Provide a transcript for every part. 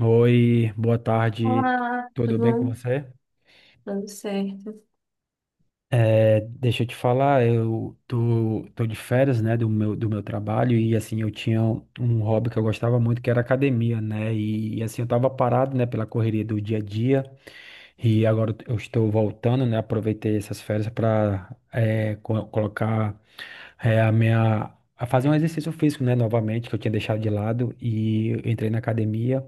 Oi, boa tarde, Olá, tudo tudo bem com bom? você? Tudo certo. É, deixa eu te falar, eu tô de férias, né, do meu trabalho e assim, eu tinha um hobby que eu gostava muito, que era academia, né, e, assim, eu tava parado, né, pela correria do dia a dia e agora eu estou voltando, né, aproveitei essas férias para colocar a minha... a fazer um exercício físico, né, novamente, que eu tinha deixado de lado e eu entrei na academia.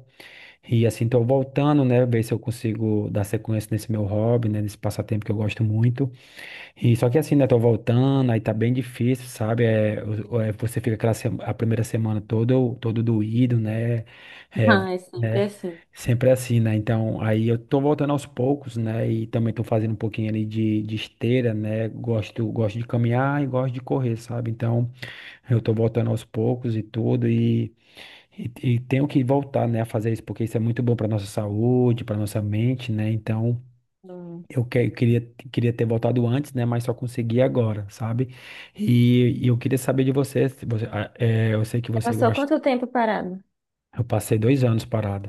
E assim, tô voltando, né? Ver se eu consigo dar sequência nesse meu hobby, né? Nesse passatempo que eu gosto muito. E só que assim, né? Tô voltando, aí tá bem difícil, sabe? É, você fica a primeira semana todo doído, né? É, Ah, é sempre né? assim. Sempre assim, né? Então, aí eu tô voltando aos poucos, né? E também tô fazendo um pouquinho ali de esteira, né? Gosto de caminhar e gosto de correr, sabe? Então, eu tô voltando aos poucos e tudo. E tenho que voltar, né, a fazer isso, porque isso é muito bom para nossa saúde, para nossa mente, né? Então, Hum. Eu queria ter voltado antes, né, mas só consegui agora, sabe? E eu queria saber de você, se você eu sei que Você você passou gosta. quanto tempo parado? Eu passei 2 anos parado.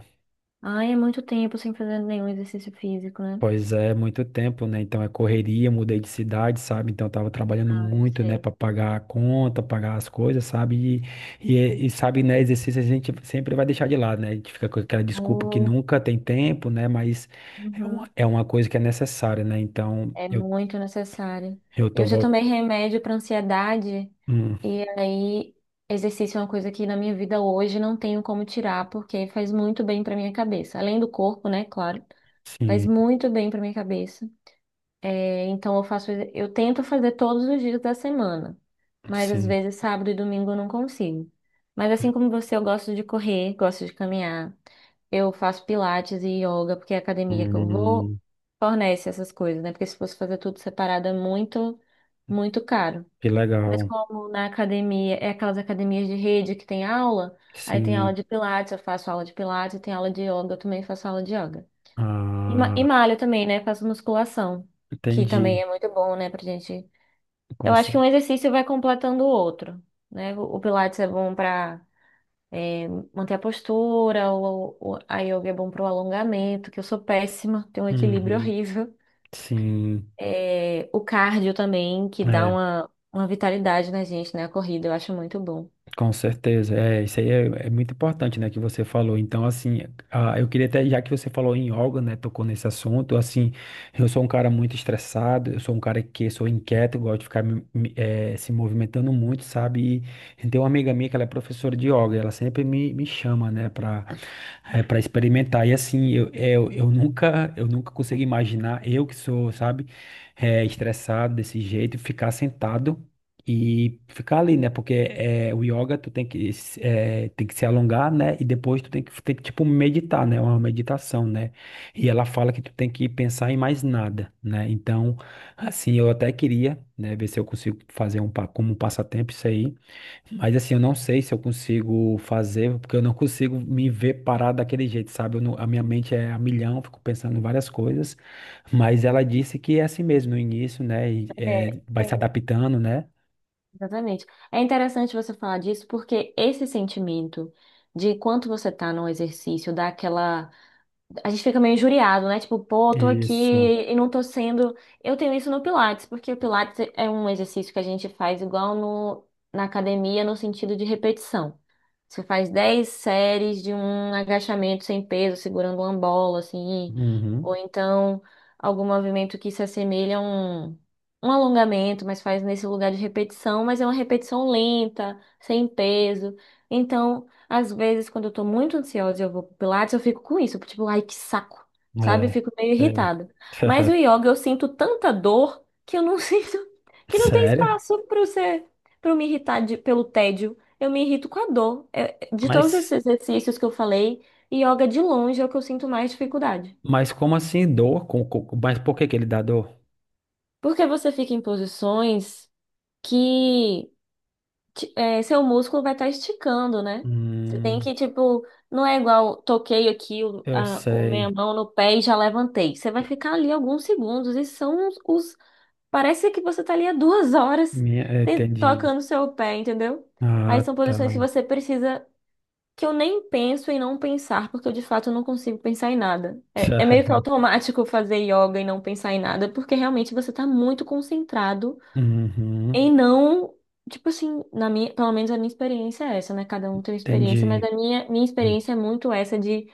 Ai, é muito tempo sem fazer nenhum exercício físico, né? Pois é, muito tempo, né? Então é correria, mudei de cidade, sabe? Então eu tava trabalhando Ai, muito, né, sei. pra pagar a conta, pagar as coisas, sabe? E, sabe, né, exercício a gente sempre vai deixar de lado, né? A gente fica com aquela desculpa que Oh, nunca tem tempo, né? Mas é uma, uhum. é uma coisa que é necessária, né? Então É eu, muito necessário. eu Eu tô já voltando. tomei remédio para ansiedade e aí exercício é uma coisa que na minha vida hoje não tenho como tirar porque faz muito bem para minha cabeça. Além do corpo, né? Claro, faz Sim, muito bem para minha cabeça. É, então eu faço, eu tento fazer todos os dias da semana, mas às sim. vezes sábado e domingo eu não consigo. Mas assim como você, eu gosto de correr, gosto de caminhar. Eu faço pilates e yoga, porque é a academia que eu vou Hum, fornece essas coisas, né? Porque se fosse fazer tudo separado é muito, muito caro. que Mas legal. como na academia, é aquelas academias de rede que tem aula, aí tem aula Sim. de pilates, eu faço aula de pilates, tem aula de yoga, eu também faço aula de yoga. E, Ah, e malho também, né? Faço musculação, que também entendi é muito bom, né, pra gente. o Eu acho que um conceito. exercício vai completando o outro, né? O Pilates é bom pra é, manter a postura, a yoga é bom pro alongamento, que eu sou péssima, tenho um equilíbrio Uhum, horrível. sim. É, o cardio também, que dá É, uma vitalidade na gente, né? A corrida, eu acho muito bom. com certeza, isso aí é muito importante, né, que você falou. Então, assim, eu queria até, já que você falou em yoga, né, tocou nesse assunto, assim, eu sou um cara muito estressado, eu sou um cara que sou inquieto, gosto de ficar se movimentando muito, sabe? E tem uma amiga minha que ela é professora de yoga, ela sempre me chama, né, para experimentar. E assim, eu nunca consigo imaginar, eu que sou, sabe, estressado desse jeito, ficar sentado e ficar ali, né? Porque o yoga tu tem que, tem que se alongar, né? E depois tu tem que, tipo, meditar, né? É uma meditação, né? E ela fala que tu tem que pensar em mais nada, né? Então, assim, eu até queria, né, ver se eu consigo fazer como um passatempo isso aí. Mas assim, eu não sei se eu consigo fazer, porque eu não consigo me ver parado daquele jeito, sabe? Eu não- A minha mente é a milhão, fico pensando em várias coisas, mas ela disse que é assim mesmo no início, né? E, É, vai se é, adaptando, né? Exatamente. É interessante você falar disso porque esse sentimento de quanto você tá no exercício, dá aquela. A gente fica meio injuriado, né? Tipo, pô, eu tô aqui Isso. e não tô sendo. Eu tenho isso no Pilates, porque o Pilates é um exercício que a gente faz igual na academia, no sentido de repetição. Você faz 10 séries de um agachamento sem peso, segurando uma bola, assim. Ou Uhum. então algum movimento que se assemelha a um alongamento, mas faz nesse lugar de repetição, mas é uma repetição lenta, sem peso. Então, às vezes, quando eu tô muito ansiosa e eu vou pro Pilates, eu fico com isso, tipo, ai, que saco, sabe? Eu É, fico meio é. irritada. Mas o yoga, eu sinto tanta dor que eu não sinto, que não tem Sério? espaço para você, para me irritar pelo tédio. Eu me irrito com a dor. É, de todos esses Mas, exercícios que eu falei, yoga de longe é o que eu sinto mais dificuldade. mas como assim dor? Mas por que que ele dá dor? Porque você fica em posições que seu músculo vai estar esticando, né? Você tem Hum, que, tipo, não é igual toquei aqui o, eu a, o minha sei. mão no pé e já levantei. Você vai ficar ali alguns segundos e são parece que você tá ali há 2 horas Entendi. tocando seu pé, entendeu? Aí Ah, são tá. posições que você precisa. Que eu nem penso em não pensar, porque eu de fato não consigo pensar em nada. É, é meio que automático fazer yoga e não pensar em nada, porque realmente você tá muito concentrado Uhum, em não. Tipo assim, na minha, pelo menos a minha experiência é essa, né? Cada um tem uma experiência, mas entendi. a minha experiência é muito essa de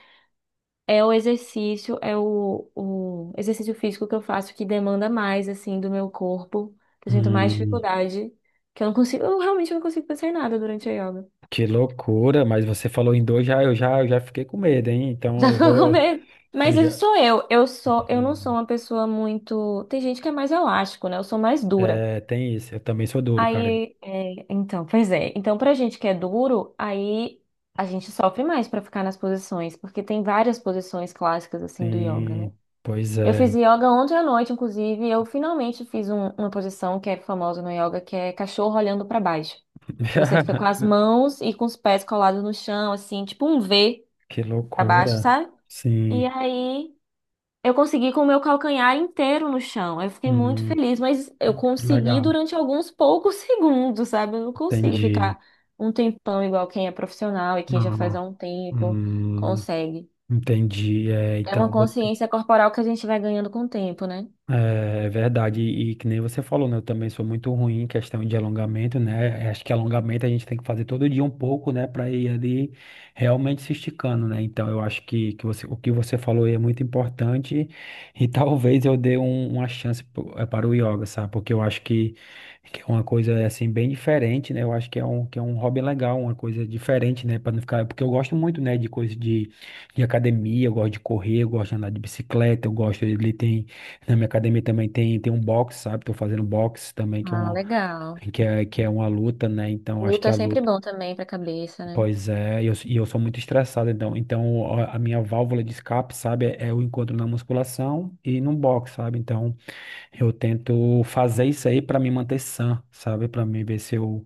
é o exercício, é o exercício físico que eu faço que demanda mais, assim, do meu corpo, que eu sinto mais Hum, dificuldade, que eu não consigo, eu realmente não consigo pensar em nada durante a yoga. que loucura, mas você falou em dois, já, eu já fiquei com medo, hein? Então Já eu ficou com vou. medo? Eu Mas isso já, sou eu. Eu não sou uma pessoa muito. Tem gente que é mais elástico, né? Eu sou mais dura. Tem isso, eu também sou duro, cara. Aí, então, pois é. Então, pra gente que é duro, aí a gente sofre mais pra ficar nas posições, porque tem várias posições clássicas assim do yoga, né? Sim, pois Eu fiz é. yoga ontem à noite, inclusive, e eu finalmente fiz uma posição que é famosa no yoga, que é cachorro olhando pra baixo, que você fica com as mãos e com os pés colados no chão, assim, tipo um V Que pra baixo, loucura. sabe? E Sim. aí eu consegui com o meu calcanhar inteiro no chão. Eu fiquei muito Hum, feliz, mas eu consegui legal, durante alguns poucos segundos, sabe? Eu não consigo entendi. ficar um tempão igual quem é profissional e quem já faz Ah, há um tempo hum, consegue. entendi. É, É então, uma eu vou. consciência corporal que a gente vai ganhando com o tempo, né? É, é verdade, e que nem você falou, né? Eu também sou muito ruim em questão de alongamento, né? Acho que alongamento a gente tem que fazer todo dia um pouco, né? Para ir ali realmente se esticando, né? Então eu acho que o que você falou aí é muito importante e talvez eu dê uma chance para o yoga, sabe? Porque eu acho que é uma coisa assim bem diferente, né? Eu acho que é um hobby legal, uma coisa diferente, né? Para não ficar, porque eu gosto muito, né? De coisa de academia, eu gosto de correr, eu gosto de andar de bicicleta, eu gosto, ele tem. Na minha academia também tem um boxe, sabe? Tô fazendo boxe também, que é, Ah, uma, legal. que é, que é uma luta, né? Então, acho Luta que é a sempre luta. bom também para a cabeça, né? Pois é, e eu sou muito estressado, então. Então, a minha válvula de escape, sabe? É o encontro na musculação e no boxe, sabe? Então, eu tento fazer isso aí para me manter sã, sabe? Pra mim ver se eu,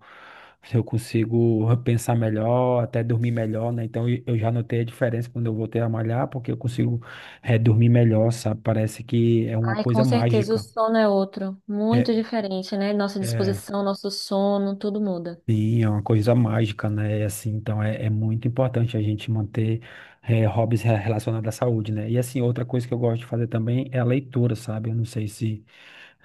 se eu consigo pensar melhor, até dormir melhor, né? Então, eu já notei a diferença quando eu voltei a malhar, porque eu consigo, dormir melhor, sabe? Parece que é uma Ai, com coisa certeza o mágica. sono é outro, É, muito diferente, né? Nossa É, disposição, nosso sono, tudo muda. sim, é uma coisa mágica, né? E assim, então é muito importante a gente manter hobbies relacionados à saúde, né? E assim, outra coisa que eu gosto de fazer também é a leitura, sabe? Eu não sei se,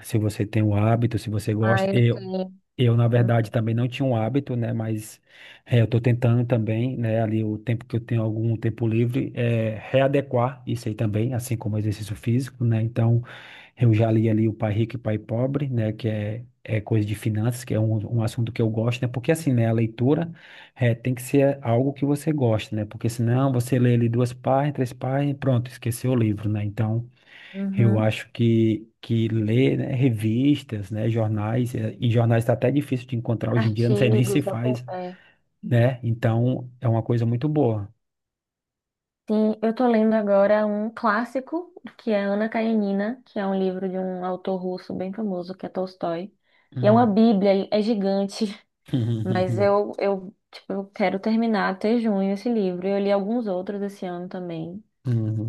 se você tem o hábito, se você gosta. Ai, eu tenho. Na verdade, também não tinha um hábito, né? Mas eu tô tentando também, né? Ali o tempo que eu tenho algum tempo livre, readequar isso aí também, assim como exercício físico, né? Então, eu já li ali O Pai Rico e o Pai Pobre, né? Que é, coisa de finanças, que é um assunto que eu gosto, né? Porque assim, né, a leitura tem que ser algo que você gosta, né? Porque senão você lê ali duas páginas, três páginas, e pronto, esqueceu o livro, né? Então, eu Uhum. acho que ler, né, revistas, né, jornais, e jornais está até difícil de encontrar hoje em dia, não sei nem se Artigos, faz, é. né? Então, é uma coisa muito boa. Sim, eu tô lendo agora um clássico, que é Ana Karenina, que é um livro de um autor russo bem famoso, que é Tolstói. E é uma Hum. bíblia, é gigante. Mas eu, tipo, eu quero terminar até junho esse livro. Eu li alguns outros esse ano também.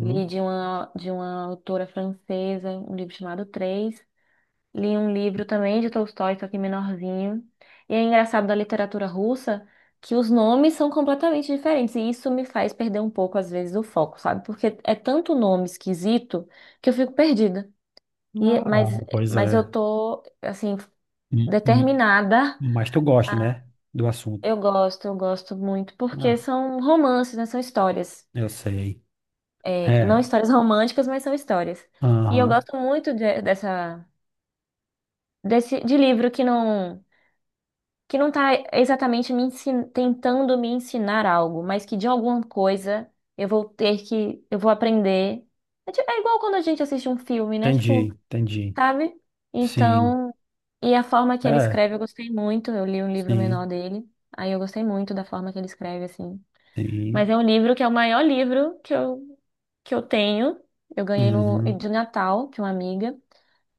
Li de uma autora francesa, um livro chamado Três. Li um livro também de Tolstói, só que menorzinho. E é engraçado da literatura russa que os nomes são completamente diferentes. E isso me faz perder um pouco, às vezes, o foco, sabe? Porque é tanto nome esquisito que eu fico perdida. E, Ah, mas, pois mas eu é. tô, assim, Hum, hum. determinada. Mas tu gosta, né, do assunto. Eu gosto muito, porque Ah, são romances, né? São histórias. eu sei. É, não É. histórias românticas, mas são histórias. E eu Aham, gosto muito de livro que não, tá exatamente tentando me ensinar algo, mas que de alguma coisa eu vou aprender. É, é igual quando a gente assiste um filme, né? Tipo, entendi, entendi. sabe? Sim, Então, e a forma que ele é, escreve, eu gostei muito. Eu li um livro menor sim, dele, aí eu gostei muito da forma que ele escreve, assim. sim, Mas é um livro que é o maior livro que eu tenho. Eu ganhei no, uhum, de Natal de uma amiga.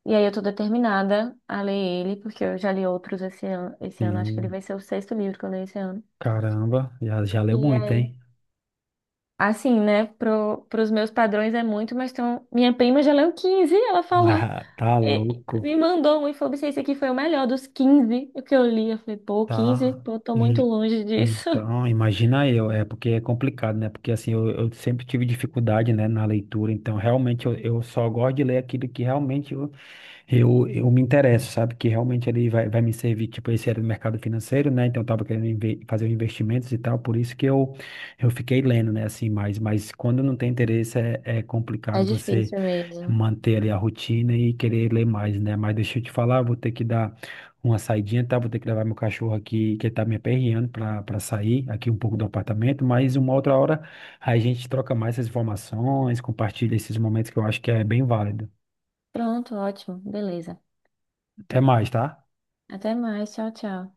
E aí eu tô determinada a ler ele, porque eu já li outros esse ano. Esse ano, acho que ele sim. vai ser o sexto livro que eu leio esse ano. Caramba, já, já leu E muito, aí? hein? Assim, né? Pros meus padrões é muito, mas tem minha prima já leu 15 ela falou. Ah, tá e- louco, me mandou um e falou assim, esse aqui foi o melhor dos 15 que eu li. Eu falei, pô, 15. tá. Pô, tô muito E- longe disso. então, imagina eu, é porque é complicado, né? Porque assim, eu sempre tive dificuldade, né, na leitura, então realmente eu só gosto de ler aquilo que realmente eu me interesso, sabe? Que realmente ele vai me servir, tipo, esse era do mercado financeiro, né? Então eu tava querendo fazer investimentos e tal, por isso que eu fiquei lendo, né? Assim, mas quando não tem interesse é É complicado você difícil mesmo. manter ali a rotina e querer ler mais, né? Mas deixa eu te falar, vou ter que dar uma saidinha, tá? Vou ter que levar meu cachorro aqui, que ele tá me aperreando pra sair aqui um pouco do apartamento, mas uma outra hora a gente troca mais essas informações, compartilha esses momentos que eu acho que é bem válido. Pronto, ótimo, beleza. Até mais, tá? Até mais. Tchau, tchau.